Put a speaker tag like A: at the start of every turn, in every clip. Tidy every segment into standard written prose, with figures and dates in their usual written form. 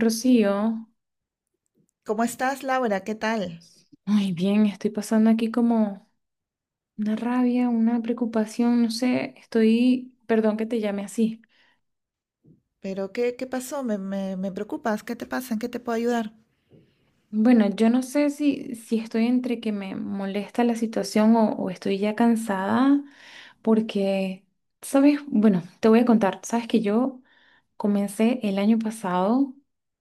A: Rocío,
B: ¿Cómo estás, Laura? ¿Qué tal?
A: muy bien, estoy pasando aquí como una rabia, una preocupación, no sé, estoy, perdón que te llame así.
B: ¿Pero qué pasó? Me preocupas. ¿Qué te pasa? ¿En qué te puedo ayudar?
A: Bueno, yo no sé si estoy entre que me molesta la situación o estoy ya cansada, porque, sabes, bueno, te voy a contar, sabes que yo Comencé el año pasado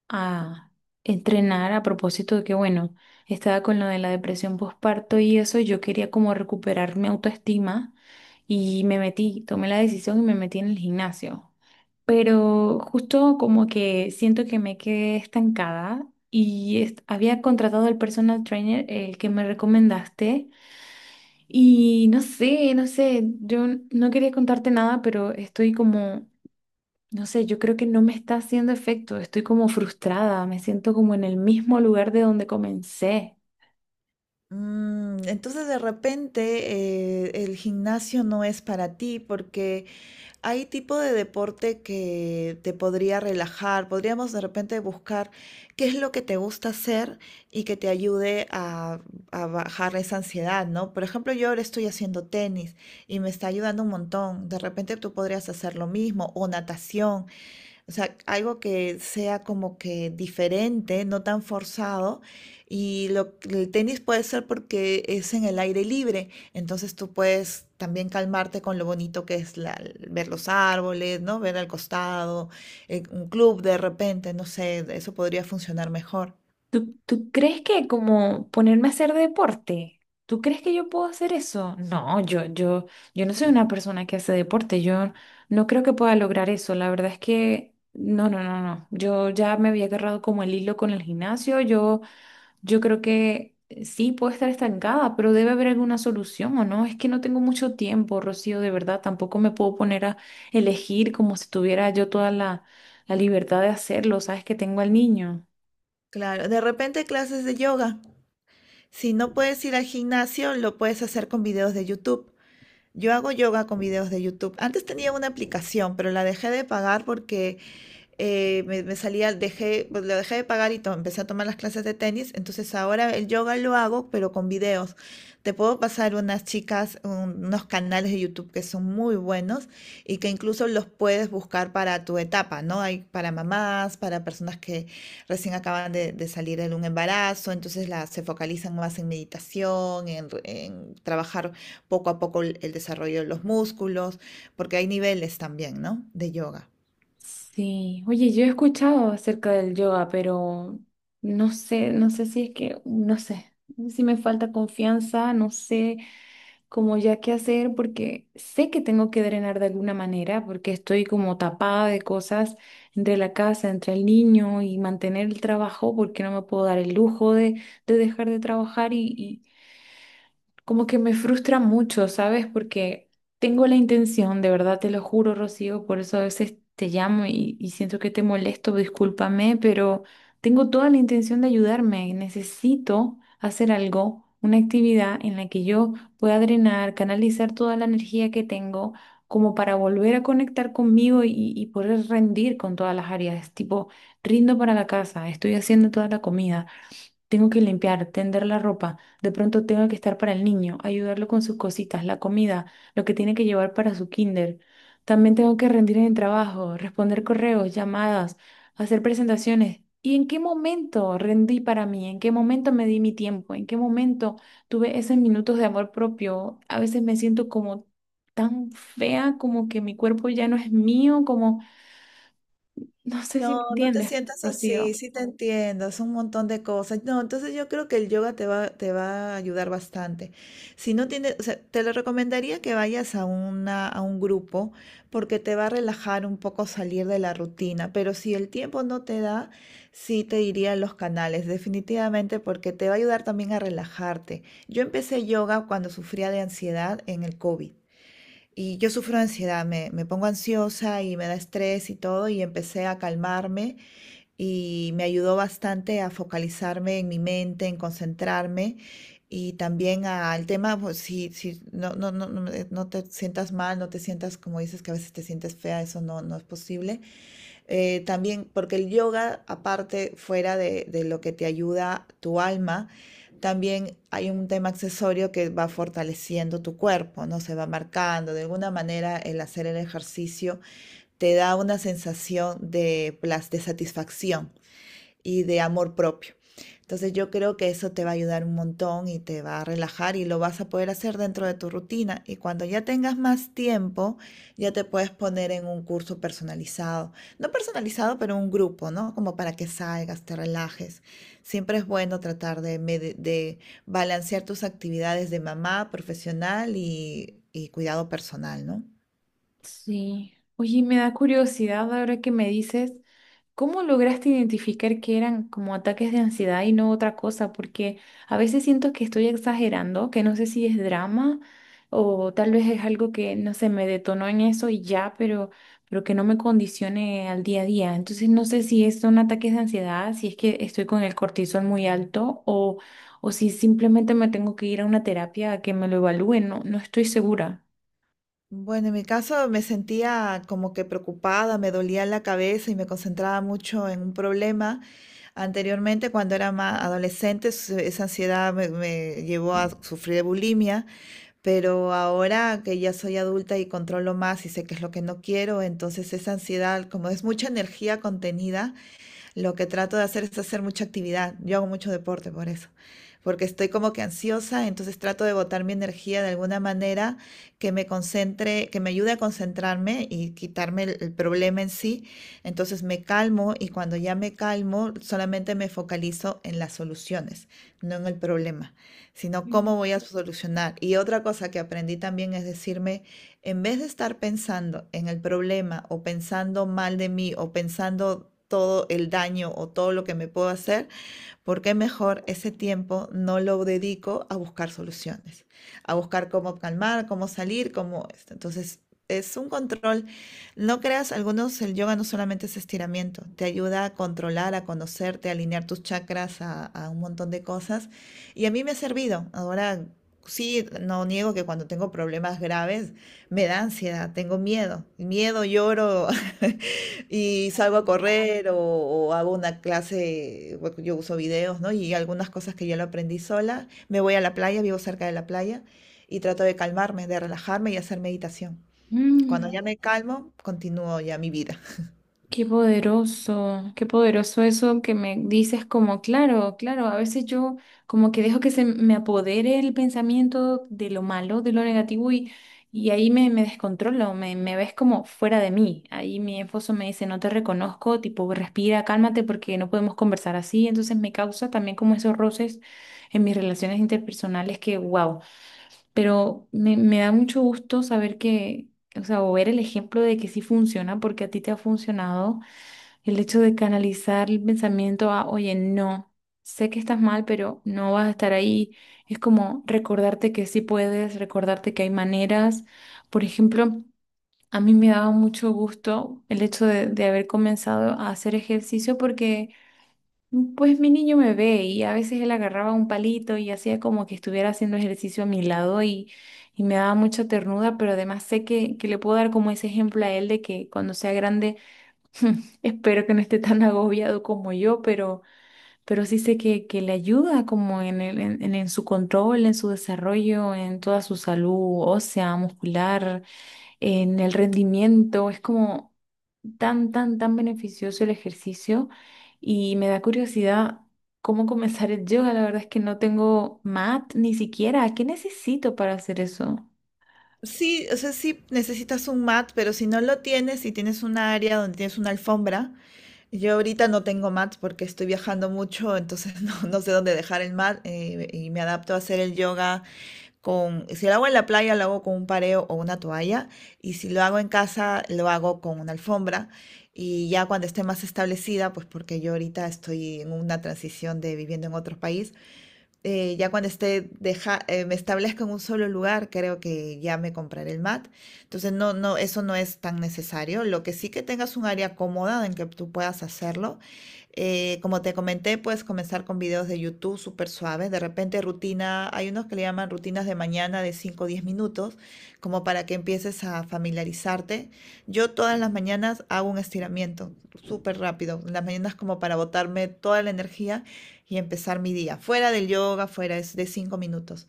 A: a entrenar a propósito de que, bueno, estaba con lo de la depresión postparto y eso, y yo quería como recuperar mi autoestima y me metí, tomé la decisión y me metí en el gimnasio. Pero justo como que siento que me quedé estancada y había contratado al personal trainer, el que me recomendaste, y no sé, yo no quería contarte nada, pero estoy como no sé, yo creo que no me está haciendo efecto. Estoy como frustrada, me siento como en el mismo lugar de donde comencé.
B: Mm, entonces, de repente, el gimnasio no es para ti porque hay tipo de deporte que te podría relajar. Podríamos de repente buscar qué es lo que te gusta hacer y que te ayude a bajar esa ansiedad, ¿no? Por ejemplo, yo ahora estoy haciendo tenis y me está ayudando un montón. De repente tú podrías hacer lo mismo o natación. O sea, algo que sea como que diferente, no tan forzado. Y el tenis puede ser porque es en el aire libre, entonces tú puedes también calmarte con lo bonito que es ver los árboles, ¿no? Ver al costado, un club de repente, no sé, eso podría funcionar mejor.
A: ¿Tú crees que como ponerme a hacer deporte? ¿Tú crees que yo puedo hacer eso? No, yo no soy una persona que hace deporte. Yo no creo que pueda lograr eso. La verdad es que no, no, no, no. Yo ya me había agarrado como el hilo con el gimnasio. Yo Yo creo que sí, puedo estar estancada, pero debe haber alguna solución, ¿o no? Es que no tengo mucho tiempo, Rocío, de verdad. Tampoco me puedo poner a elegir como si tuviera yo toda la libertad de hacerlo, ¿sabes? Que tengo al niño.
B: Claro, de repente clases de yoga. Si no puedes ir al gimnasio, lo puedes hacer con videos de YouTube. Yo hago yoga con videos de YouTube. Antes tenía una aplicación, pero la dejé de pagar porque me salía, dejé, pues, lo dejé de pagar y empecé a tomar las clases de tenis. Entonces ahora el yoga lo hago, pero con videos. Te puedo pasar unas chicas, unos canales de YouTube que son muy buenos y que incluso los puedes buscar para tu etapa, ¿no? Hay para mamás, para personas que recién acaban de salir de un embarazo, entonces las se focalizan más en meditación, en trabajar poco a poco el desarrollo de los músculos, porque hay niveles también, ¿no? De yoga.
A: Sí, oye, yo he escuchado acerca del yoga, pero no sé, no sé si es que, no sé, si me falta confianza, no sé, como ya qué hacer, porque sé que tengo que drenar de alguna manera, porque estoy como tapada de cosas entre la casa, entre el niño y mantener el trabajo, porque no me puedo dar el lujo de dejar de trabajar y, como que me frustra mucho, ¿sabes? Porque tengo la intención, de verdad te lo juro, Rocío, por eso a veces te llamo y siento que te molesto, discúlpame, pero tengo toda la intención de ayudarme y necesito hacer algo, una actividad en la que yo pueda drenar, canalizar toda la energía que tengo, como para volver a conectar conmigo y poder rendir con todas las áreas, tipo, rindo para la casa, estoy haciendo toda la comida, tengo que limpiar, tender la ropa, de pronto tengo que estar para el niño, ayudarlo con sus cositas, la comida, lo que tiene que llevar para su kinder. También tengo que rendir en el trabajo, responder correos, llamadas, hacer presentaciones. ¿Y en qué momento rendí para mí? ¿En qué momento me di mi tiempo? ¿En qué momento tuve esos minutos de amor propio? A veces me siento como tan fea, como que mi cuerpo ya no es mío, como no sé si me
B: No, no te
A: entiendes,
B: sientas así,
A: Rocío.
B: sí te entiendo, es un montón de cosas. No, entonces yo creo que el yoga te va a ayudar bastante. Si no tienes, o sea, te lo recomendaría que vayas a a un grupo porque te va a relajar un poco salir de la rutina, pero si el tiempo no te da, sí te diría los canales, definitivamente, porque te va a ayudar también a relajarte. Yo empecé yoga cuando sufría de ansiedad en el COVID. Y yo sufro de ansiedad, me pongo ansiosa y me da estrés y todo, y empecé a calmarme y me ayudó bastante a focalizarme en mi mente, en concentrarme y también al tema, pues, no te sientas mal, no te sientas como dices que a veces te sientes fea, eso no, no es posible. También, porque el yoga, aparte, fuera de lo que te ayuda tu alma, también hay un tema accesorio que va fortaleciendo tu cuerpo, ¿no? Se va marcando. De alguna manera, el hacer el ejercicio te da una sensación de satisfacción y de amor propio. Entonces yo creo que eso te va a ayudar un montón y te va a relajar y lo vas a poder hacer dentro de tu rutina. Y cuando ya tengas más tiempo, ya te puedes poner en un curso personalizado. No personalizado, pero un grupo, ¿no? Como para que salgas, te relajes. Siempre es bueno tratar de balancear tus actividades de mamá, profesional y cuidado personal, ¿no?
A: Sí. Oye, me da curiosidad ahora que me dices, ¿cómo lograste identificar que eran como ataques de ansiedad y no otra cosa? Porque a veces siento que estoy exagerando, que no sé si es drama o tal vez es algo que, no sé, me detonó en eso y ya, pero que no me condicione al día a día. Entonces no sé si son ataques de ansiedad, si es que estoy con el cortisol muy alto o si simplemente me tengo que ir a una terapia a que me lo evalúen. No, no estoy segura.
B: Bueno, en mi caso me sentía como que preocupada, me dolía la cabeza y me concentraba mucho en un problema. Anteriormente, cuando era más adolescente, esa ansiedad me llevó a sufrir de bulimia, pero ahora que ya soy adulta y controlo más y sé qué es lo que no quiero, entonces esa ansiedad, como es mucha energía contenida, lo que trato de hacer es hacer mucha actividad. Yo hago mucho deporte por eso, porque estoy como que ansiosa, entonces trato de botar mi energía de alguna manera que me concentre, que me ayude a concentrarme y quitarme el problema en sí. Entonces me calmo y cuando ya me calmo, solamente me focalizo en las soluciones, no en el problema, sino cómo voy a solucionar. Y otra cosa que aprendí también es decirme, en vez de estar pensando en el problema o pensando mal de mí o pensando todo el daño o todo lo que me puedo hacer, porque mejor ese tiempo no lo dedico a buscar soluciones, a buscar cómo calmar, cómo salir, cómo esto. Entonces, es un control. No creas, algunos, el yoga no solamente es estiramiento, te ayuda a controlar, a conocerte, a alinear tus chakras, un montón de cosas. Y a mí me ha servido. Ahora sí, no niego que cuando tengo problemas graves me da ansiedad, tengo miedo. Miedo, lloro, y salgo a correr o hago una clase, bueno, yo uso videos, ¿no? Y algunas cosas que yo lo aprendí sola. Me voy a la playa, vivo cerca de la playa, y trato de calmarme, de relajarme y hacer meditación. Cuando
A: Mm.
B: ya me calmo, continúo ya mi vida.
A: Qué poderoso eso que me dices como, claro, claro, a veces yo como que dejo que se me apodere el pensamiento de lo malo, de lo negativo y ahí me, me descontrolo, me ves como fuera de mí. Ahí mi esposo me dice, no te reconozco, tipo, respira, cálmate porque no podemos conversar así. Entonces me causa también como esos roces en mis relaciones interpersonales que, wow, pero me da mucho gusto saber que, o sea, o ver el ejemplo de que sí funciona porque a ti te ha funcionado el hecho de canalizar el pensamiento a, oye, no, sé que estás mal, pero no vas a estar ahí. Es como recordarte que sí puedes, recordarte que hay maneras. Por ejemplo, a mí me daba mucho gusto el hecho de haber comenzado a hacer ejercicio porque, pues, mi niño me ve y a veces él agarraba un palito y hacía como que estuviera haciendo ejercicio a mi lado y me daba mucha ternura, pero además sé que le puedo dar como ese ejemplo a él de que cuando sea grande espero que no esté tan agobiado como yo, pero sí sé que le ayuda como en, en, en su control, en su desarrollo, en toda su salud ósea, muscular, en el rendimiento. Es como tan, tan, tan beneficioso el ejercicio y me da curiosidad cómo comenzar el yoga. La verdad es que no tengo mat ni siquiera. ¿Qué necesito para hacer eso?
B: Sí, o sea, sí necesitas un mat, pero si no lo tienes, si tienes un área donde tienes una alfombra, yo ahorita no tengo mat porque estoy viajando mucho, entonces no, no sé dónde dejar el mat y me adapto a hacer el yoga con, si lo hago en la playa, lo hago con un pareo o una toalla, y si lo hago en casa, lo hago con una alfombra. Y ya cuando esté más establecida, pues porque yo ahorita estoy en una transición de viviendo en otro país, ya cuando esté deja, me establezco en un solo lugar, creo que ya me compraré el mat. Entonces, no, no, eso no es tan necesario. Lo que sí que tengas un área cómoda en que tú puedas hacerlo. Como te comenté, puedes comenzar con videos de YouTube súper suaves. De repente, rutina, hay unos que le llaman rutinas de mañana de 5 o 10 minutos, como para que empieces a familiarizarte. Yo todas las mañanas hago un estiramiento súper rápido. Las mañanas como para botarme toda la energía y empezar mi día. Fuera del yoga, fuera es de 5 minutos.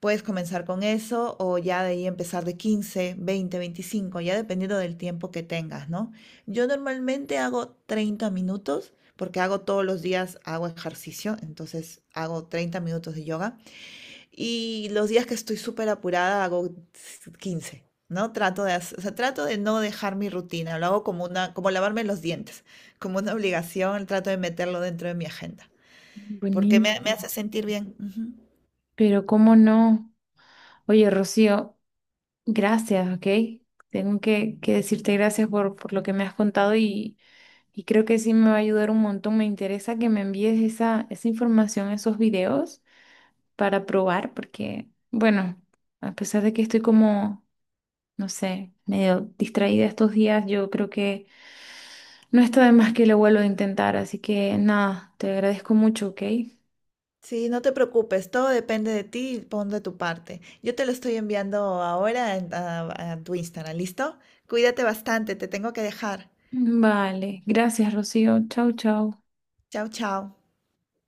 B: Puedes comenzar con eso o ya de ahí empezar de 15, 20, 25 ya dependiendo del tiempo que tengas, ¿no? Yo normalmente hago 30 minutos porque hago todos los días, hago ejercicio, entonces hago 30 minutos de yoga y los días que estoy súper apurada hago 15, ¿no? Trato de, hacer, o sea, trato de no dejar mi rutina, lo hago como, una, como lavarme los dientes, como una obligación, trato de meterlo dentro de mi agenda porque
A: Buenísimo,
B: me hace sentir bien. Ujú.
A: pero cómo no. Oye, Rocío. Gracias, ok. Tengo que decirte gracias por lo que me has contado y creo que sí me va a ayudar un montón. Me interesa que me envíes esa, esa información, esos videos para probar, porque, bueno, a pesar de que estoy como, no sé, medio distraída estos días, yo creo que no está de más que lo vuelvo a intentar. Así que nada, te agradezco mucho, ok.
B: Sí, no te preocupes, todo depende de ti, y pon de tu parte. Yo te lo estoy enviando ahora a tu Instagram, ¿listo? Cuídate bastante, te tengo que dejar.
A: Vale, gracias, Rocío. Chau, chau.
B: Chao, chao.